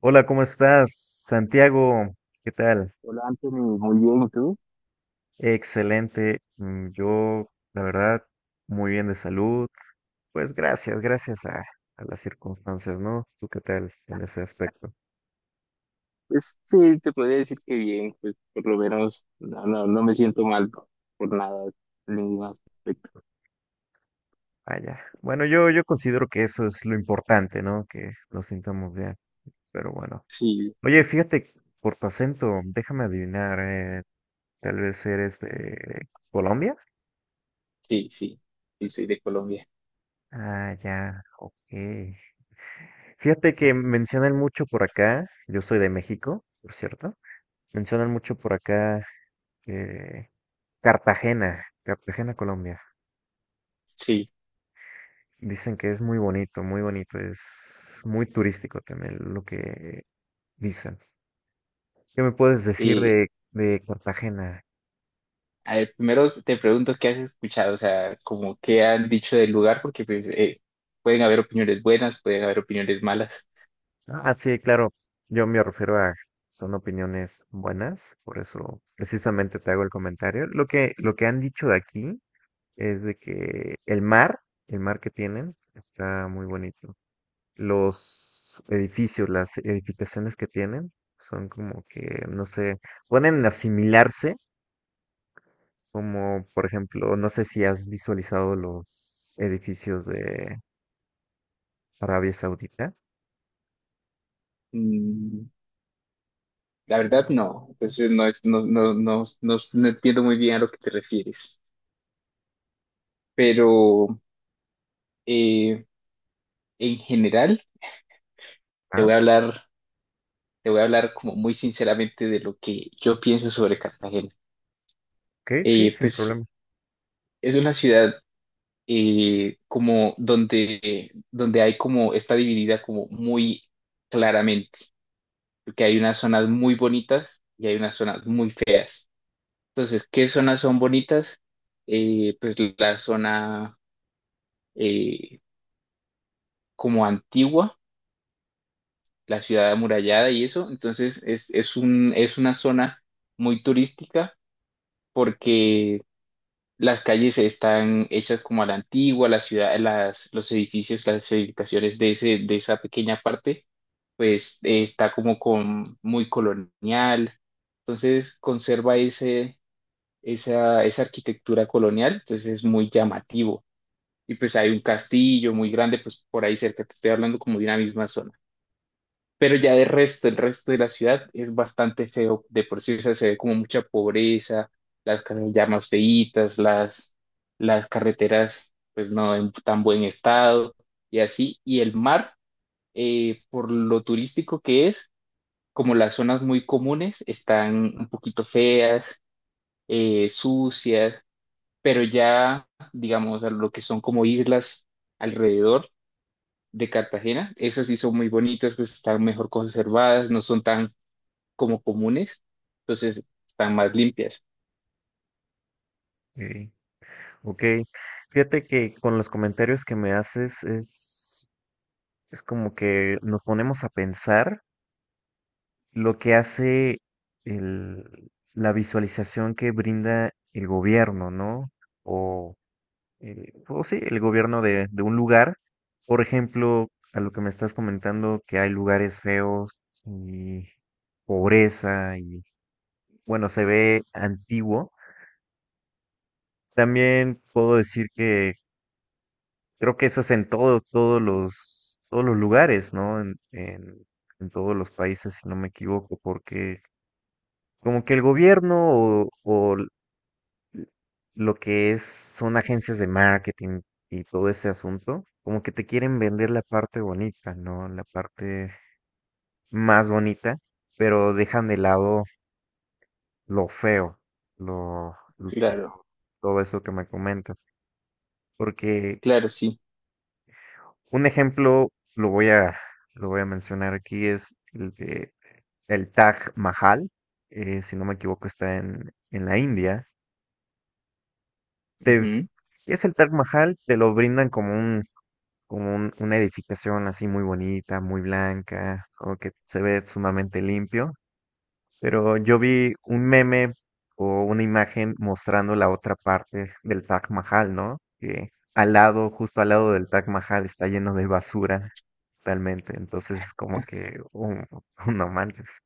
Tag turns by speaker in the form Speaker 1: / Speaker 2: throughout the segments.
Speaker 1: Hola, ¿cómo estás? Santiago, ¿qué tal?
Speaker 2: Hola Anthony, muy bien, ¿y tú?
Speaker 1: Excelente. Yo, la verdad, muy bien de salud. Pues gracias, gracias a las circunstancias, ¿no? ¿Tú qué tal en ese aspecto?
Speaker 2: Pues sí, te podría decir que bien, pues por lo menos no me siento mal por nada, en ningún aspecto.
Speaker 1: Vaya. Bueno, yo considero que eso es lo importante, ¿no? Que nos sintamos bien. Pero bueno.
Speaker 2: Sí,
Speaker 1: Oye, fíjate, por tu acento, déjame adivinar, tal vez eres de Colombia.
Speaker 2: sí, sí, sí, soy de Colombia.
Speaker 1: Ah, ya, ok. Fíjate que mencionan mucho por acá, yo soy de México, por cierto, mencionan mucho por acá eh, Cartagena, Cartagena, Colombia.
Speaker 2: Sí,
Speaker 1: Dicen que es muy bonito, es muy turístico también lo que dicen. ¿Qué me puedes decir
Speaker 2: y
Speaker 1: de Cartagena?
Speaker 2: a ver, primero te pregunto qué has escuchado, o sea, como qué han dicho del lugar, porque pues pueden haber opiniones buenas, pueden haber opiniones malas.
Speaker 1: Ah, sí, claro, yo me refiero a, son opiniones buenas, por eso precisamente te hago el comentario. Lo que han dicho de aquí es de que el mar que tienen, está muy bonito. Los edificios, las edificaciones que tienen, son como que, no sé, pueden asimilarse, como por ejemplo, no sé si has visualizado los edificios de Arabia Saudita.
Speaker 2: Mm, la verdad no, entonces no, es, no, no, no, no, no entiendo muy bien a lo que te refieres, pero eh, en general... te
Speaker 1: Ah,
Speaker 2: voy a hablar, te voy a hablar como muy sinceramente de lo que yo pienso sobre Cartagena.
Speaker 1: ok, sí, sin problema.
Speaker 2: Pues es una ciudad como donde hay como, está dividida como muy claramente, porque hay unas zonas muy bonitas y hay unas zonas muy feas. Entonces, ¿qué zonas son bonitas? Pues la zona eh, como antigua, la ciudad amurallada y eso. Entonces, es una zona muy turística porque las calles están hechas como a la antigua, la ciudad, los edificios, las edificaciones de de esa pequeña parte, pues está como con, muy colonial. Entonces conserva esa arquitectura colonial, entonces es muy llamativo. Y pues hay un castillo muy grande, pues por ahí cerca, te estoy hablando como de una misma zona. Pero ya de resto, el resto de la ciudad es bastante feo de por sí, o sea, se ve como mucha pobreza, las casas ya más feitas, las carreteras pues no en tan buen estado y así, y el mar, por lo turístico que es, como las zonas muy comunes están un poquito feas, sucias, pero ya, digamos, a lo que son como islas alrededor de Cartagena, esas sí son muy bonitas, pues están mejor conservadas, no son tan como comunes, entonces están más limpias.
Speaker 1: Ok, ok, fíjate que con los comentarios que me haces es como que nos ponemos a pensar lo que hace la visualización que brinda el gobierno, ¿no? O, o sí, el gobierno de un lugar. Por ejemplo, a lo que me estás comentando, que hay lugares feos y pobreza y, bueno, se ve antiguo. También puedo decir que creo que eso es en todo, todos los lugares, ¿no? En todos los países, si no me equivoco, porque como que el gobierno o lo que es, son agencias de marketing y todo ese asunto, como que te quieren vender la parte bonita, ¿no? La parte más bonita, pero dejan de lado lo feo, lo, lo-
Speaker 2: Claro,
Speaker 1: todo eso que me comentas. Porque
Speaker 2: claro, sí.
Speaker 1: un ejemplo, lo voy a, lo voy a mencionar aquí, es el de el Taj Mahal, si no me equivoco, está en la India. Te,
Speaker 2: Ujú.
Speaker 1: ¿Qué es el Taj Mahal? Te lo brindan como un una edificación así muy bonita, muy blanca, como que se ve sumamente limpio, pero yo vi un meme o una imagen mostrando la otra parte del Taj Mahal, ¿no? Que al lado, justo al lado del Taj Mahal está lleno de basura totalmente, entonces es como que, un no manches,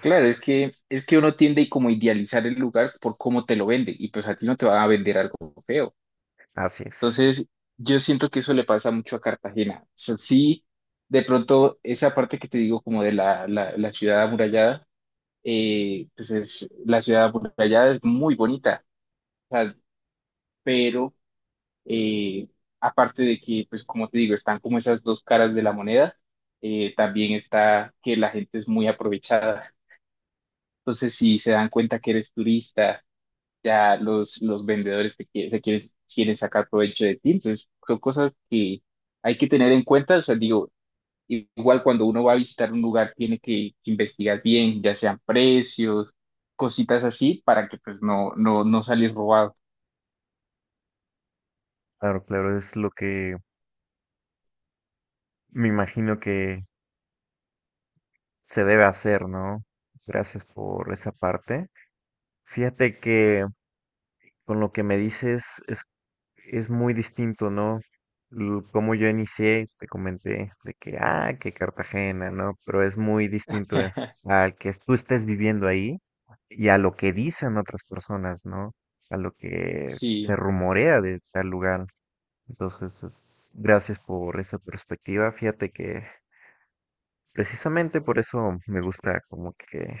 Speaker 2: Claro, es que uno tiende y como idealizar el lugar por cómo te lo vende y pues a ti no te va a vender algo feo.
Speaker 1: así es.
Speaker 2: Entonces, yo siento que eso le pasa mucho a Cartagena. O sea, sí, de pronto esa parte que te digo como de la ciudad amurallada, pues es, la ciudad amurallada es muy bonita, o sea, pero Eh, aparte de que, pues como te digo, están como esas dos caras de la moneda, también está que la gente es muy aprovechada. Entonces, si se dan cuenta que eres turista, ya los vendedores te quie- se quieren, quieren sacar provecho de ti. Entonces, son cosas que hay que tener en cuenta. O sea, digo, igual cuando uno va a visitar un lugar, que investigar bien, ya sean precios, cositas así, para que pues no salir robado.
Speaker 1: Claro, claro, es lo que me imagino que se debe hacer, ¿no? Gracias por esa parte. Fíjate que con lo que me dices es muy distinto, ¿no? Como yo inicié, te comenté de que, ah, que Cartagena, ¿no? Pero es muy distinto al que tú estés viviendo ahí y a lo que dicen otras personas, ¿no? A lo que
Speaker 2: Sí,
Speaker 1: se rumorea de tal lugar. Entonces, gracias por esa perspectiva. Fíjate que precisamente por eso me gusta como que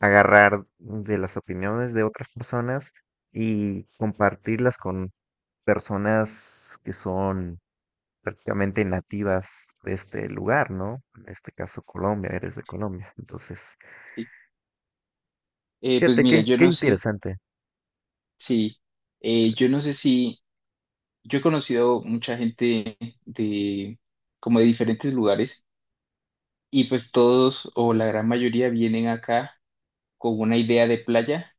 Speaker 1: agarrar de las opiniones de otras personas y compartirlas con personas que son prácticamente nativas de este lugar, ¿no? En este caso Colombia, eres de Colombia. Entonces,
Speaker 2: sí. Pues
Speaker 1: fíjate,
Speaker 2: mira,
Speaker 1: qué,
Speaker 2: yo
Speaker 1: qué
Speaker 2: no sé.
Speaker 1: interesante.
Speaker 2: Sí, yo no sé si, yo he conocido mucha gente de, como de diferentes lugares y pues todos o la gran mayoría vienen acá con una idea de playa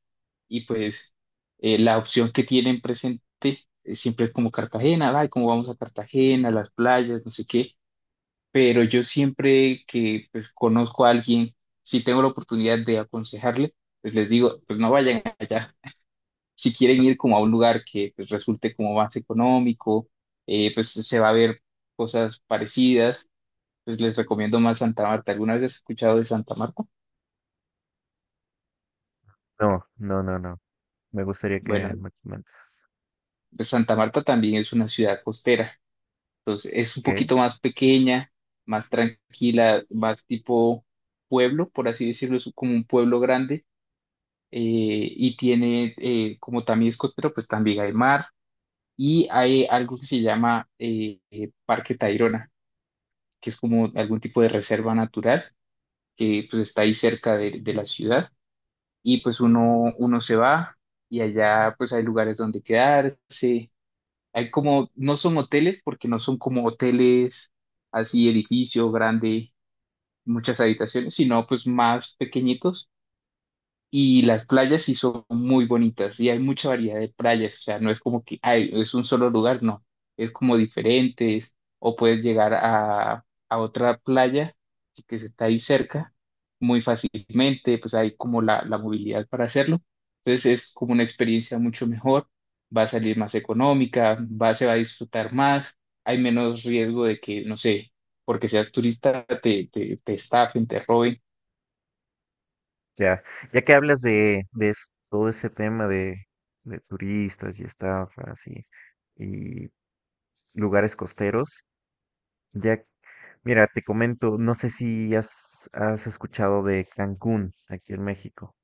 Speaker 2: y pues la opción que tienen presente siempre es como Cartagena, ay, cómo vamos a Cartagena, las playas, no sé qué, pero yo siempre que pues conozco a alguien, si tengo la oportunidad de aconsejarle, pues les digo, pues no vayan allá. Si quieren ir como a un lugar que pues resulte como más económico, pues se va a ver cosas parecidas, pues les recomiendo más Santa Marta. ¿Alguna vez has escuchado de Santa Marta?
Speaker 1: No, no, no, no. Me gustaría que
Speaker 2: Bueno,
Speaker 1: me comentes.
Speaker 2: pues Santa Marta también es una ciudad costera, entonces es un
Speaker 1: Ok,
Speaker 2: poquito más pequeña, más tranquila, más tipo pueblo, por así decirlo, es como un pueblo grande. eh, y tiene, como también es costero, pues también hay mar y hay algo que se llama Parque Tayrona, que es como algún tipo de reserva natural que pues está ahí cerca de la ciudad y pues uno se va y allá pues hay lugares donde quedarse, hay como, no son hoteles porque no son como hoteles así edificio grande, muchas habitaciones, sino pues más pequeñitos y las playas sí son muy bonitas y hay mucha variedad de playas, o sea, no es como que ay, es un solo lugar, no, es como diferentes o puedes llegar a otra playa que está ahí cerca muy fácilmente, pues hay como la movilidad para hacerlo, entonces es como una experiencia mucho mejor, va a salir más económica, va, se va a disfrutar más, hay menos riesgo de que, no sé, porque seas turista, te estafen, te roben.
Speaker 1: ya, ya que hablas de todo ese tema de turistas y estafas y lugares costeros, ya, mira, te comento, no sé si has, has escuchado de Cancún, aquí en México.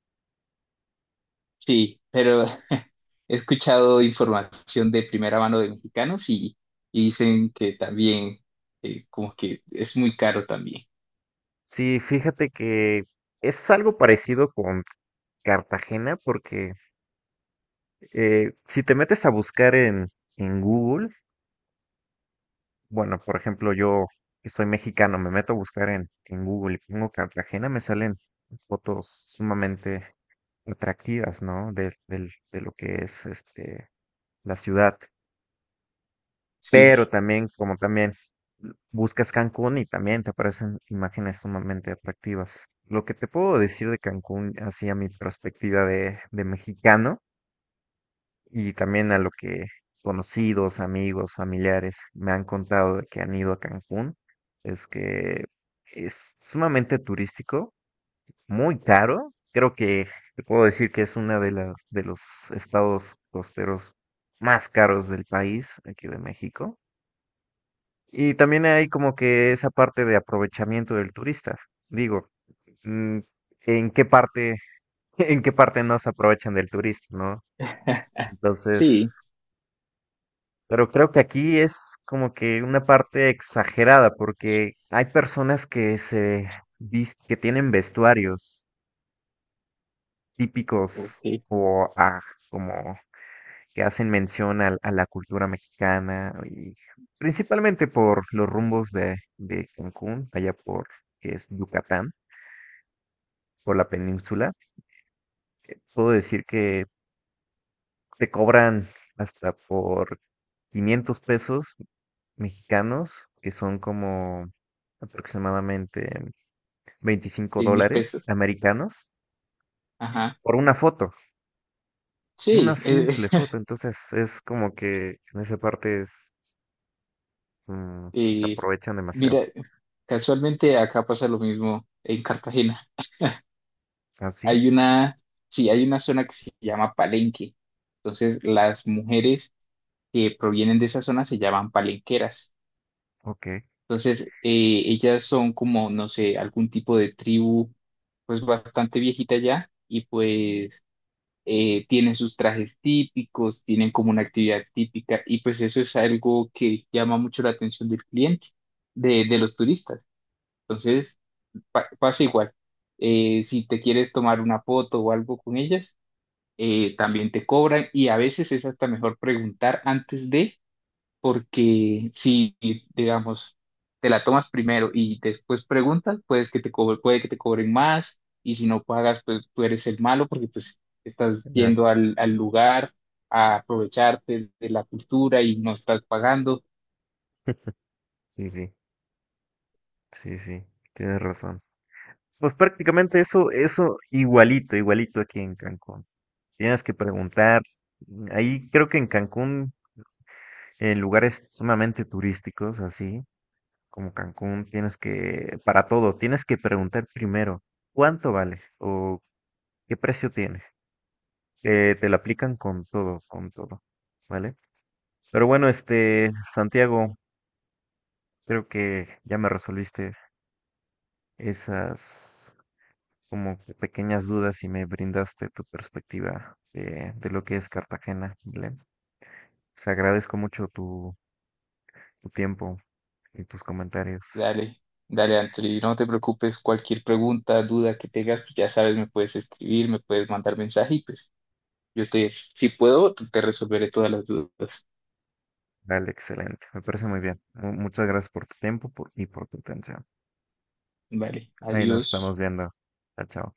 Speaker 2: Sí, pero he escuchado información de primera mano de mexicanos y dicen que también, como que es muy caro también.
Speaker 1: Sí, fíjate que es algo parecido con Cartagena porque si te metes a buscar en Google, bueno, por ejemplo, yo que soy mexicano, me meto a buscar en Google y pongo Cartagena, me salen fotos sumamente atractivas, ¿no? De lo que es este, la ciudad.
Speaker 2: Sí,
Speaker 1: Pero también, como también buscas Cancún y también te aparecen imágenes sumamente atractivas. Lo que te puedo decir de Cancún, así a mi perspectiva de mexicano y también a lo que conocidos, amigos, familiares me han contado de que han ido a Cancún, es que es sumamente turístico, muy caro. Creo que te puedo decir que es una de la de los estados costeros más caros del país, aquí de México y también hay como que esa parte de aprovechamiento del turista. Digo, mm, ¿en qué parte, en qué parte no se aprovechan del turista, ¿no? Entonces,
Speaker 2: sí,
Speaker 1: pero creo que aquí es como que una parte exagerada, porque hay personas que que tienen vestuarios típicos
Speaker 2: ok,
Speaker 1: o ah, como que hacen mención a, la cultura mexicana y principalmente por los rumbos de Cancún, allá por que es Yucatán. Por la península, puedo decir que te cobran hasta por $500 mexicanos, que son como aproximadamente 25
Speaker 2: 100 mil
Speaker 1: dólares
Speaker 2: pesos.
Speaker 1: americanos,
Speaker 2: Ajá,
Speaker 1: por una foto, una
Speaker 2: sí.
Speaker 1: simple foto. Entonces es como que en esa parte es, se
Speaker 2: Eh,
Speaker 1: aprovechan demasiado.
Speaker 2: mira, casualmente acá pasa lo mismo en Cartagena.
Speaker 1: ¿Ah, sí?
Speaker 2: Hay una, sí, hay una zona que se llama Palenque. Entonces, las mujeres que provienen de esa zona se llaman palenqueras.
Speaker 1: Ok.
Speaker 2: Entonces, ellas son como, no sé, algún tipo de tribu, pues bastante viejita ya, y pues tienen sus trajes típicos, tienen como una actividad típica, y pues eso es algo que llama mucho la atención del cliente, de los turistas. Entonces, pa- pasa igual. Si te quieres tomar una foto o algo con ellas, también te cobran, y a veces es hasta mejor preguntar antes de porque si, digamos, te la tomas primero y después preguntas, pues que te co- puede que te cobren más y si no pagas, pues tú eres el malo porque pues estás
Speaker 1: Ah,
Speaker 2: yendo al, al lugar a aprovecharte de la cultura y no estás pagando.
Speaker 1: sí, sí, sí, sí, tienes razón. Pues prácticamente eso, eso igualito, igualito aquí en Cancún. Tienes que preguntar. Ahí creo que en Cancún, en lugares sumamente turísticos, así como Cancún, tienes que, para todo, tienes que preguntar primero cuánto vale o qué precio tiene. Te lo aplican con todo, ¿vale? Pero bueno, este, Santiago, creo que ya me resolviste esas como que pequeñas dudas y me brindaste tu perspectiva de lo que es Cartagena, Belén. Te agradezco mucho tu, tu tiempo y tus comentarios.
Speaker 2: Dale, dale, Anthony, no te preocupes, cualquier pregunta, duda que tengas, pues ya sabes, me puedes escribir, me puedes mandar mensaje y pues yo te, si puedo, te resolveré todas las dudas.
Speaker 1: Vale, excelente. Me parece muy bien. Muchas gracias por tu tiempo y por tu atención.
Speaker 2: Vale,
Speaker 1: Ahí nos
Speaker 2: adiós.
Speaker 1: estamos viendo. Chao, chao.